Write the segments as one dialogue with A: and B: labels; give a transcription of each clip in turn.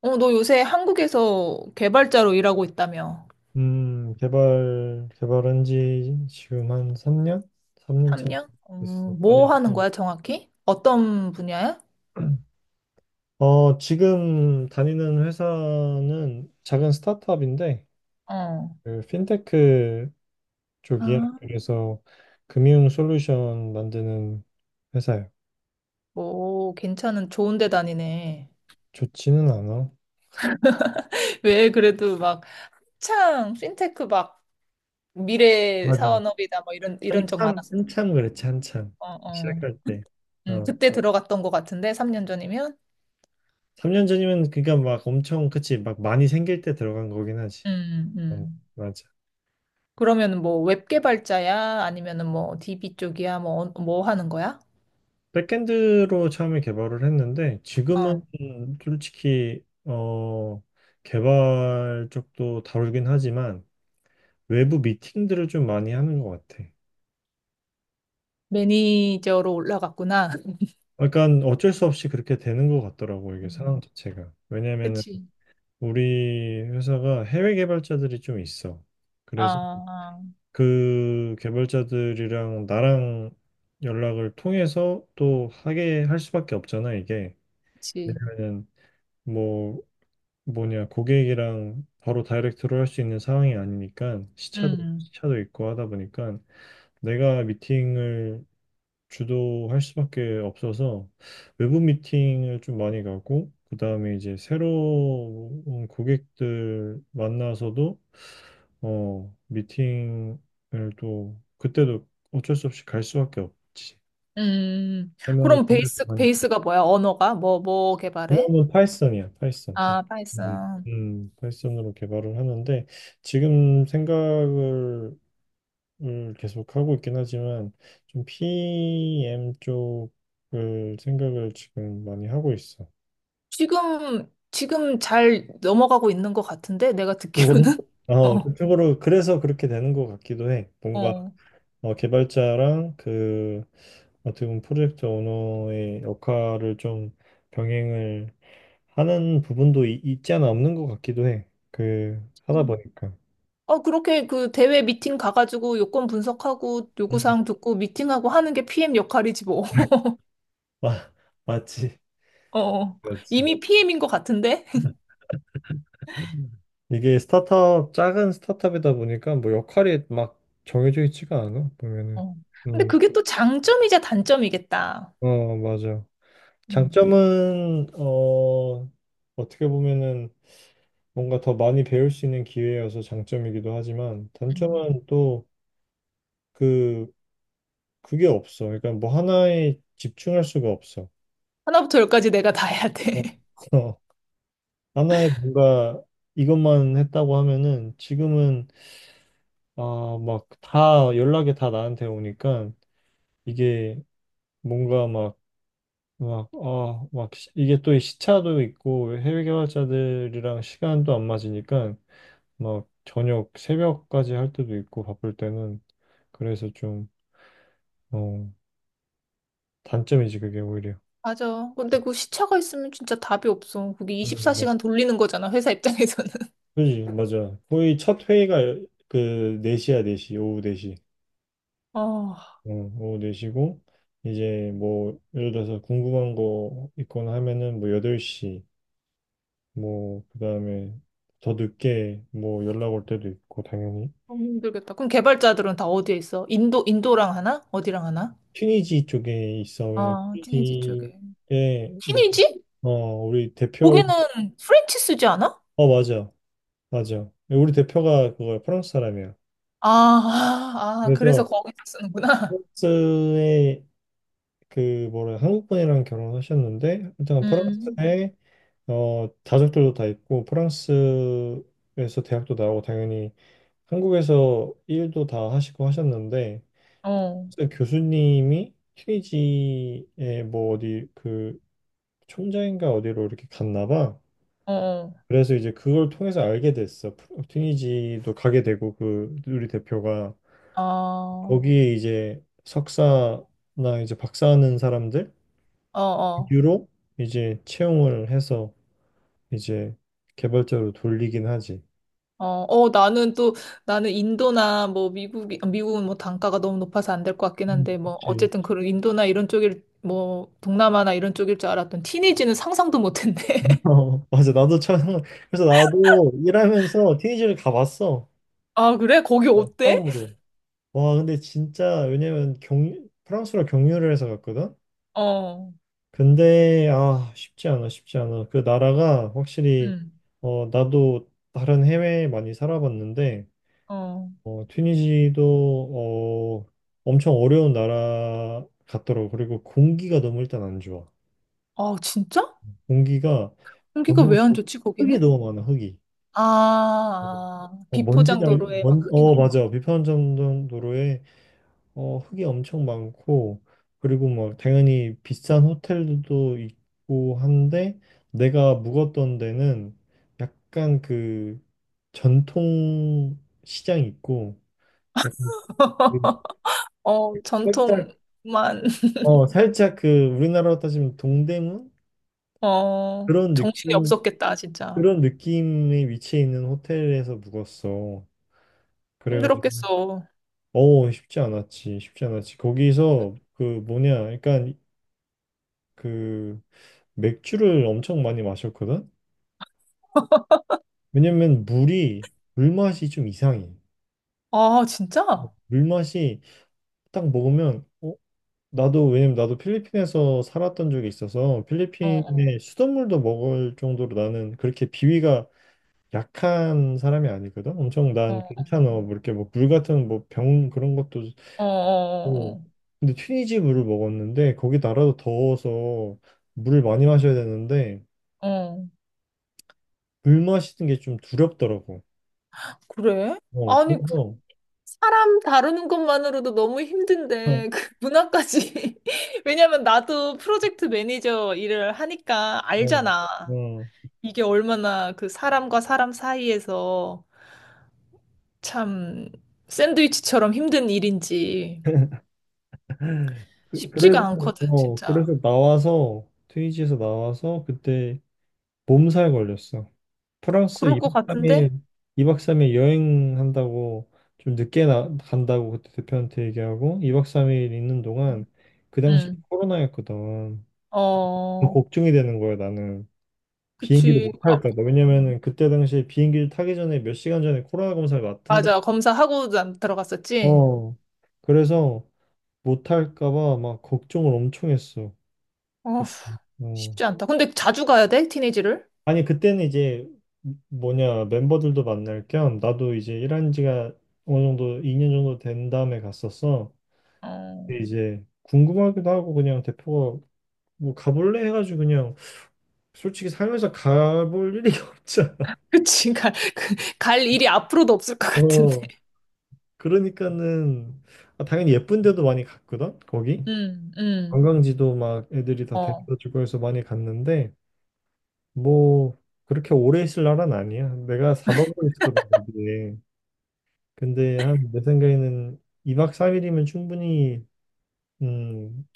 A: 어, 너 요새 한국에서 개발자로 일하고 있다며?
B: 개발한 지 지금 한 3년? 3년 차
A: 3년?
B: 됐어요. 많이
A: 뭐 하는
B: 했고.
A: 거야, 정확히? 어떤 분야야?
B: 지금 다니는 회사는 작은 스타트업인데,
A: 어.
B: 그 핀테크
A: 아,
B: 쪽이에요. 그래서 금융 솔루션 만드는 회사예요.
A: 뭐, 좋은 데 다니네.
B: 좋지는 않아.
A: 왜 그래도 막, 핀테크 막, 미래
B: 맞아.
A: 사원업이다, 뭐, 이런 적
B: 한참,
A: 많았어.
B: 한참 그랬지, 한참.
A: 어, 어.
B: 시작할 때. 어,
A: 그때 들어갔던 것 같은데, 3년 전이면?
B: 3년 전이면, 그니까 막 엄청, 그치, 막 많이 생길 때 들어간 거긴 하지.
A: 음,
B: 어,
A: 음.
B: 맞아.
A: 그러면 뭐, 웹 개발자야? 아니면은 뭐, DB 쪽이야? 뭐, 뭐 하는 거야?
B: 백엔드로 처음에 개발을 했는데 지금은
A: 어.
B: 솔직히 개발 쪽도 다루긴 하지만 외부 미팅들을 좀 많이 하는 것 같아.
A: 매니저로 올라갔구나.
B: 그러니까 어쩔 수 없이 그렇게 되는 것 같더라고, 이게
A: 음.
B: 상황 자체가. 왜냐면은
A: 그치,
B: 우리 회사가 해외 개발자들이 좀 있어. 그래서
A: 아,
B: 그 개발자들이랑 나랑 연락을 통해서 또 하게 할 수밖에 없잖아, 이게.
A: 그치.
B: 그러면은 뭐 뭐냐, 고객이랑 바로 다이렉트로 할 수 있는 상황이 아니니까 시차도
A: 음,
B: 시차도 있고 하다 보니까 내가 미팅을 주도할 수밖에 없어서 외부 미팅을 좀 많이 가고, 그다음에 이제 새로운 고객들 만나서도 미팅을 또 그때도 어쩔 수 없이 갈 수밖에 없지. 설명을
A: 그럼
B: 통해서,
A: 베이스가 뭐야? 언어가? 뭐, 뭐 개발해?
B: 그러면 파이썬이야, 파이썬.
A: 아,
B: 음,
A: 파이썬.
B: 파이썬으로 개발을 하는데 지금 생각을 을 계속 하고 있긴 하지만 좀 PM 쪽을 생각을 지금 많이 하고 있어.
A: 지금 잘 넘어가고 있는 것 같은데? 내가
B: 그쪽으로?
A: 듣기로는? 어,
B: 그쪽으로. 그래서 그렇게 되는 것 같기도 해. 뭔가
A: 어.
B: 개발자랑, 그 어떻게 보면 프로젝트 오너의 역할을 좀 병행을 하는 부분도 있지 않아, 없는 것 같기도 해. 그 하다
A: 음.
B: 보니까.
A: 어, 그렇게 그 대회 미팅 가가지고 요건 분석하고 요구사항 듣고 미팅하고 하는 게 PM 역할이지 뭐.
B: 마- 맞지.
A: 어, 어.
B: 그렇지.
A: 이미 PM인 것 같은데?
B: 이게 스타트업, 작은 스타트업이다 보니까 뭐 역할이 막 정해져 있지가 않아, 보면은.
A: 어. 근데
B: 음,
A: 그게 또 장점이자 단점이겠다.
B: 맞아.
A: 음,
B: 장점은, 어떻게 보면은 뭔가 더 많이 배울 수 있는 기회여서 장점이기도 하지만,
A: 음.
B: 단점은 또 그, 그게 없어. 그러니까 뭐 하나에 집중할 수가 없어.
A: 하나부터 열까지 내가 다 해야
B: 어,
A: 돼.
B: 어, 하나에 뭔가 이것만 했다고 하면은 지금은, 아, 막 다 연락이 다 나한테 오니까 이게, 뭔가 이게 또 시차도 있고 해외 개발자들이랑 시간도 안 맞으니까 막 저녁 새벽까지 할 때도 있고 바쁠 때는. 그래서 좀, 어, 단점이지 그게 오히려.
A: 맞아. 근데 그 시차가 있으면 진짜 답이 없어. 그게
B: 뭐,
A: 24시간 돌리는 거잖아, 회사 입장에서는.
B: 그지, 맞아. 거의 첫 회의가 그 4시야, 4시, 오후 4시.
A: 아,
B: 어, 오후 4시고, 이제 뭐 예를 들어서 궁금한 거 있거나 하면은 뭐 8시, 뭐 그다음에 더 늦게 뭐 연락 올 때도 있고 당연히.
A: 너무 힘들겠다. 그럼 개발자들은 다 어디에 있어? 인도랑 하나? 어디랑 하나?
B: 튀니지 쪽에 있어. 왜냐면
A: 아, 티니지 쪽에.
B: 튀니지에
A: 티니지?
B: 어 우리 대표,
A: 거기는 프렌치 쓰지 않아?
B: 맞아, 맞아, 우리 대표가 그거 프랑스 사람이야.
A: 아, 아, 아, 그래서
B: 그래서
A: 거기서 쓰는구나.
B: 프랑스에 그 뭐래, 한국 분이랑 결혼하셨는데 일단
A: 음,
B: 프랑스에 가족들도 다 있고, 프랑스에서 대학도 나오고 당연히 한국에서 일도 다 하시고 하셨는데,
A: 어,
B: 선생님, 교수님이 튀니지에 뭐 어디 그 총장인가 어디로 이렇게 갔나 봐.
A: 어, 어,
B: 그래서 이제 그걸 통해서 알게 됐어. 튀니지도 가게 되고, 그 우리 대표가
A: 어,
B: 거기에 이제 석사나 이제 박사하는 사람들
A: 어, 어.
B: 유로 이제 채용을 해서 이제 개발자로 돌리긴 하지.
A: 어, 어, 나는 인도나 뭐 미국은 뭐 단가가 너무 높아서 안 될 것 같긴 한데, 뭐
B: 그치.
A: 어쨌든 그런 인도나 이런 뭐 동남아나 이런 쪽일 줄 알았던 티니지는 상상도 못 했네.
B: 맞아. 나도 처음, 그래서 나도 일하면서 튀니지를 가봤어.
A: 아, 그래? 거기 어때?
B: 처음으로. 와, 근데 진짜, 왜냐면 경 프랑스로 경유를 해서 갔거든.
A: 어,
B: 근데 쉽지 않아, 쉽지 않아. 그 나라가 확실히,
A: 응,
B: 나도 다른 해외에 많이 살아봤는데
A: 어.
B: 튀니지도 엄청 어려운 나라 같더라고. 그리고 공기가 너무 일단 안 좋아.
A: 아, 진짜?
B: 공기가
A: 공기가
B: 너무
A: 왜 안 좋지,
B: 흙이
A: 거기는?
B: 너무 많아, 흙이.
A: 아, 아,
B: 먼지
A: 비포장
B: 날,
A: 도로에 막
B: 먼,
A: 흙이
B: 어
A: 넘어.
B: 맞아. 비판 전도로에 흙이 엄청 많고, 그리고 뭐, 당연히 비싼 호텔도 있고 한데, 내가 묵었던 데는 약간 그 전통 시장이 있고, 약간 그
A: 어,
B: 살짝,
A: 전통만,
B: 살짝 그 우리나라로 따지면 동대문?
A: 어,
B: 그런
A: 정신이
B: 느낌,
A: 없었겠다, 진짜.
B: 그런 느낌의 위치에 있는 호텔에서 묵었어. 그래가지고,
A: 힘들었겠어.
B: 쉽지 않았지, 쉽지 않았지. 거기서 그 뭐냐, 약간 그 맥주를 엄청 많이 마셨거든? 왜냐면 물이, 물맛이 좀 이상해.
A: 아, 진짜? 어,
B: 물맛이 딱 먹으면, 어? 나도, 왜냐면 나도 필리핀에서 살았던 적이 있어서
A: 어.
B: 필리핀의 수돗물도 먹을 정도로 나는 그렇게 비위가 약한 사람이 아니거든? 엄청 난
A: 어,
B: 괜찮아. 뭐 이렇게 뭐 물 같은 뭐 병 그런 것도.
A: 어, 어,
B: 고
A: 어.
B: 근데 튀니지 물을 먹었는데 거기 나라도 더워서 물을 많이 마셔야 되는데
A: 어. 어.
B: 물 마시는 게 좀 두렵더라고.
A: 그래? 아니, 그
B: 그래서
A: 사람 다루는 것만으로도 너무 힘든데, 그 문화까지. 왜냐면 나도 프로젝트 매니저 일을 하니까
B: 어,
A: 알잖아.
B: 어.
A: 이게 얼마나 그 사람과 사람 사이에서 참 샌드위치처럼 힘든 일인지
B: 그,
A: 쉽지가
B: 그래서,
A: 않거든, 진짜.
B: 그래서 나와서, 트위지에서 나와서, 그때 몸살 걸렸어. 프랑스
A: 그럴 것
B: 2박 3일,
A: 같은데?
B: 2박 3일 여행한다고, 좀 늦게 간다고 그때 대표한테 얘기하고, 2박 3일 있는 동안,
A: 응,
B: 그 당시
A: 응.
B: 코로나였거든. 더
A: 어,
B: 걱정이 되는 거야, 나는. 비행기를
A: 그치.
B: 못
A: 아,
B: 탈까봐. 왜냐면은, 그때 당시에 비행기를 타기 전에 몇 시간 전에 코로나 검사를 맡은다.
A: 맞아. 검사하고 난 들어갔었지?
B: 어. 그래서 못 탈까봐 막 걱정을 엄청 했어.
A: 어,
B: 그, 어.
A: 쉽지 않다. 근데 자주 가야 돼? 티네이지를?
B: 아니, 그때는 이제 뭐냐, 멤버들도 만날 겸 나도 이제 일한 지가 어느 정도 2년 정도 된 다음에 갔었어.
A: 어,
B: 근데 이제 궁금하기도 하고, 그냥 대표가 뭐 가볼래 해가지고, 그냥 솔직히 살면서 가볼 일이 없잖아.
A: 그치. 갈, 그, 갈 일이 앞으로도 없을 것 같은데.
B: 어. 그러니까는, 당연히 예쁜 데도 많이 갔거든, 거기.
A: 음, 음.
B: 관광지도 막 애들이 다
A: 어,
B: 데려다 주고 해서 많이 갔는데, 뭐 그렇게 오래 있을 날은 아니야. 내가 4박을 있었거든, 거기에. 근데 한 내 생각에는 2박 3일이면 충분히, 음,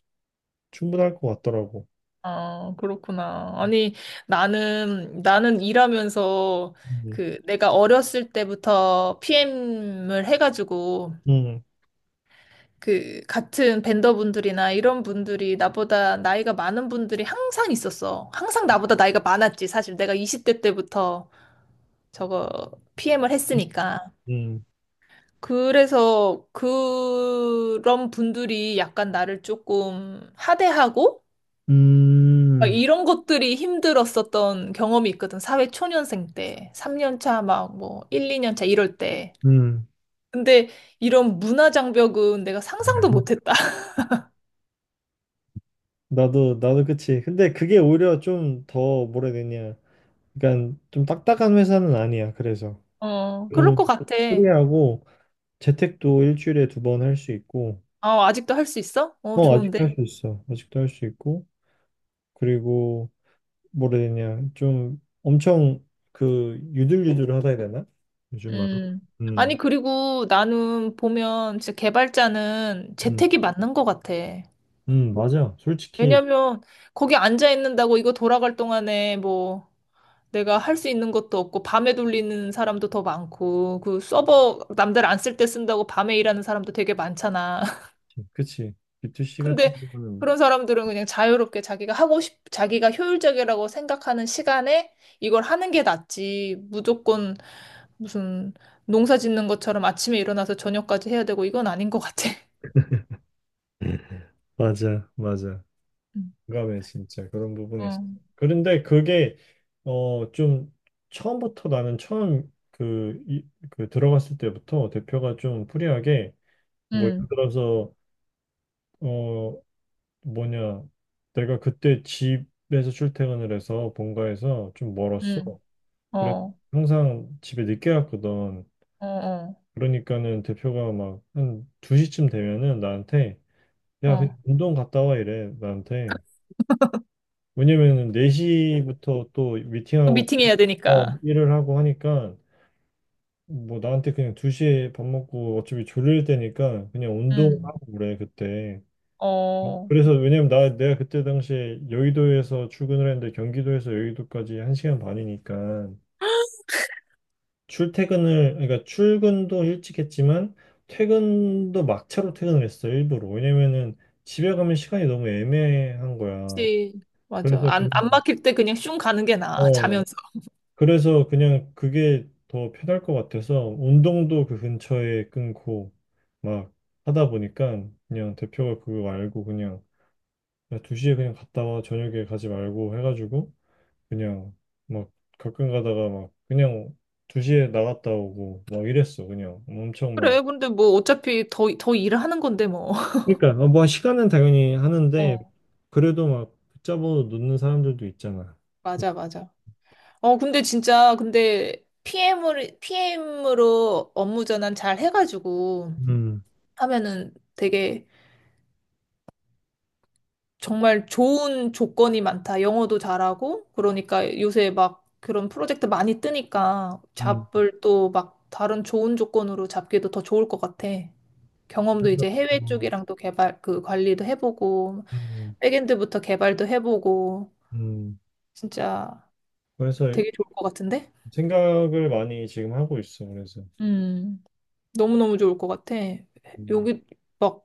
B: 충분할 것 같더라고.
A: 아, 그렇구나. 아니, 나는 일하면서
B: 음.
A: 그 내가 어렸을 때부터 PM을 해가지고
B: 음.
A: 그 같은 벤더분들이나 이런 분들이 나보다 나이가 많은 분들이 항상 있었어. 항상 나보다 나이가 많았지. 사실 내가 20대 때부터 저거 PM을 했으니까.
B: 음.
A: 그래서 그런 분들이 약간 나를 조금 하대하고 막
B: 음.
A: 이런 것들이 힘들었었던 경험이 있거든. 사회 초년생 때, 3년 차 막 뭐 1, 2년 차 이럴 때.
B: 음.
A: 근데 이런 문화 장벽은 내가 상상도 못했다.
B: 나도 그치. 근데 그게 오히려 좀 더 뭐라 해야 되냐. 그러니까 좀 딱딱한 회사는 아니야. 그래서
A: 어, 그럴
B: 좀
A: 것 같아.
B: 프리하고, 재택도 일주일에 두 번 할 수 있고.
A: 어, 아직도 할 수 있어? 어, 좋은데?
B: 아직도 할 수 있어. 아직도 할 수 있고, 그리고 뭐라 해야 되냐, 좀 엄청 그 유들유들하다 해야 되나 요즘 막.
A: 음. 아니,
B: 음.
A: 그리고 나는 보면 진짜 개발자는
B: 음.
A: 재택이 맞는 것 같아.
B: 음. 맞아, 솔직히.
A: 왜냐면 거기 앉아 있는다고 이거 돌아갈 동안에 뭐 내가 할 수 있는 것도 없고 밤에 돌리는 사람도 더 많고 그 서버 남들 안 쓸 때 쓴다고 밤에 일하는 사람도 되게 많잖아.
B: 그치, B2C 같은
A: 근데
B: 경우는.
A: 그런 사람들은 그냥 자유롭게 자기가 효율적이라고 생각하는 시간에 이걸 하는 게 낫지. 무조건 무슨 농사 짓는 것처럼 아침에 일어나서 저녁까지 해야 되고 이건 아닌 것 같아.
B: 맞아, 맞아. 공감해 진짜, 그런 부분에 있어.
A: 응,
B: 그런데 그게, 좀 처음부터, 나는 처음 그, 이, 그 들어갔을 때부터 대표가 좀 프리하게, 뭐
A: 응,
B: 예를 들어서 어 뭐냐, 내가 그때 집에서 출퇴근을 해서 본가에서 좀
A: 응,
B: 멀었어.
A: 응.
B: 그래,
A: 어,
B: 항상 집에 늦게 갔거든.
A: 음. 어,
B: 그러니까는 대표가 막 한 2시쯤 되면은 나한테,
A: 어.
B: 야,
A: 어.
B: 그냥 운동 갔다 와, 이래. 나한테. 왜냐면은 4시부터 또
A: 또
B: 미팅하고
A: 미팅해야 되니까.
B: 일을 하고 하니까, 뭐 나한테 그냥 2시에 밥 먹고 어차피 졸릴 때니까 그냥
A: 음.
B: 운동하고 그래, 그때.
A: 어,
B: 그래서, 왜냐면 나 내가 그때 당시에 여의도에서 출근을 했는데 경기도에서 여의도까지 한 시간 반이니까. 출퇴근을, 그러니까 출근도 일찍 했지만, 퇴근도 막차로 퇴근을 했어, 일부러. 왜냐면은 집에 가면 시간이 너무 애매한 거야.
A: 그치. 맞아.
B: 그래서
A: 안,
B: 그냥,
A: 안 막힐 때 그냥 슝 가는 게 나아,
B: 어,
A: 자면서.
B: 그래서 그냥 그게 더 편할 것 같아서 운동도 그 근처에 끊고, 막 하다 보니까, 그냥 대표가 그거 알고 그냥, 야, 2시에 그냥 갔다 와, 저녁에 가지 말고 해가지고 그냥, 막 가끔 가다가 막, 그냥 2시에 나갔다 오고 막 이랬어, 그냥. 엄청 막.
A: 그래, 근데 뭐 어차피 더 일을 하는 건데 뭐.
B: 그러니까 뭐 시간은 당연히 하는데
A: 어,
B: 그래도 막 붙잡아서 놓는 사람들도 있잖아.
A: 맞아, 맞아. 어, 근데 진짜, 근데 PM으로 업무 전환 잘 해가지고
B: 음.
A: 하면은 되게 정말 좋은 조건이 많다. 영어도 잘하고. 그러니까 요새 막 그런 프로젝트 많이 뜨니까
B: 음.
A: 잡을 또 막 다른 좋은 조건으로 잡기도 더 좋을 것 같아. 경험도
B: 그래서,
A: 이제 해외
B: 어,
A: 쪽이랑 또 개발 그 관리도 해보고
B: 음.
A: 백엔드부터 개발도 해보고
B: 음.
A: 진짜
B: 그래서
A: 되게 좋을 것 같은데?
B: 생각을 많이 지금 하고 있어. 그래서,
A: 음, 너무너무 좋을 것 같아.
B: 음,
A: 여기 막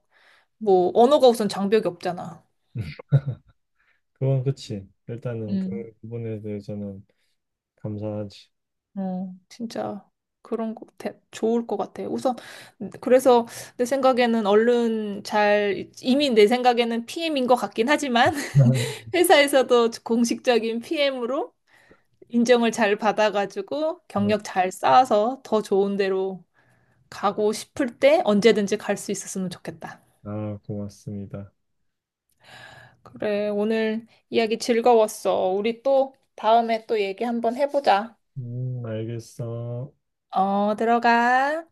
A: 뭐 언어가 우선 장벽이 없잖아.
B: 그건 그치. 일단은 그
A: 음.
B: 부분에 대해서는 감사하지.
A: 어, 진짜 그런 거 좋을 것 같아. 우선 그래서 내 생각에는 얼른 잘 이미 내 생각에는 PM인 것 같긴 하지만 회사에서도 공식적인 PM으로 인정을 잘 받아가지고 경력 잘 쌓아서 더 좋은 데로 가고 싶을 때 언제든지 갈 수 있었으면 좋겠다.
B: 고맙습니다.
A: 그래, 오늘 이야기 즐거웠어. 우리 또 다음에 또 얘기 한번 해보자.
B: 알겠어.
A: 어, 들어가.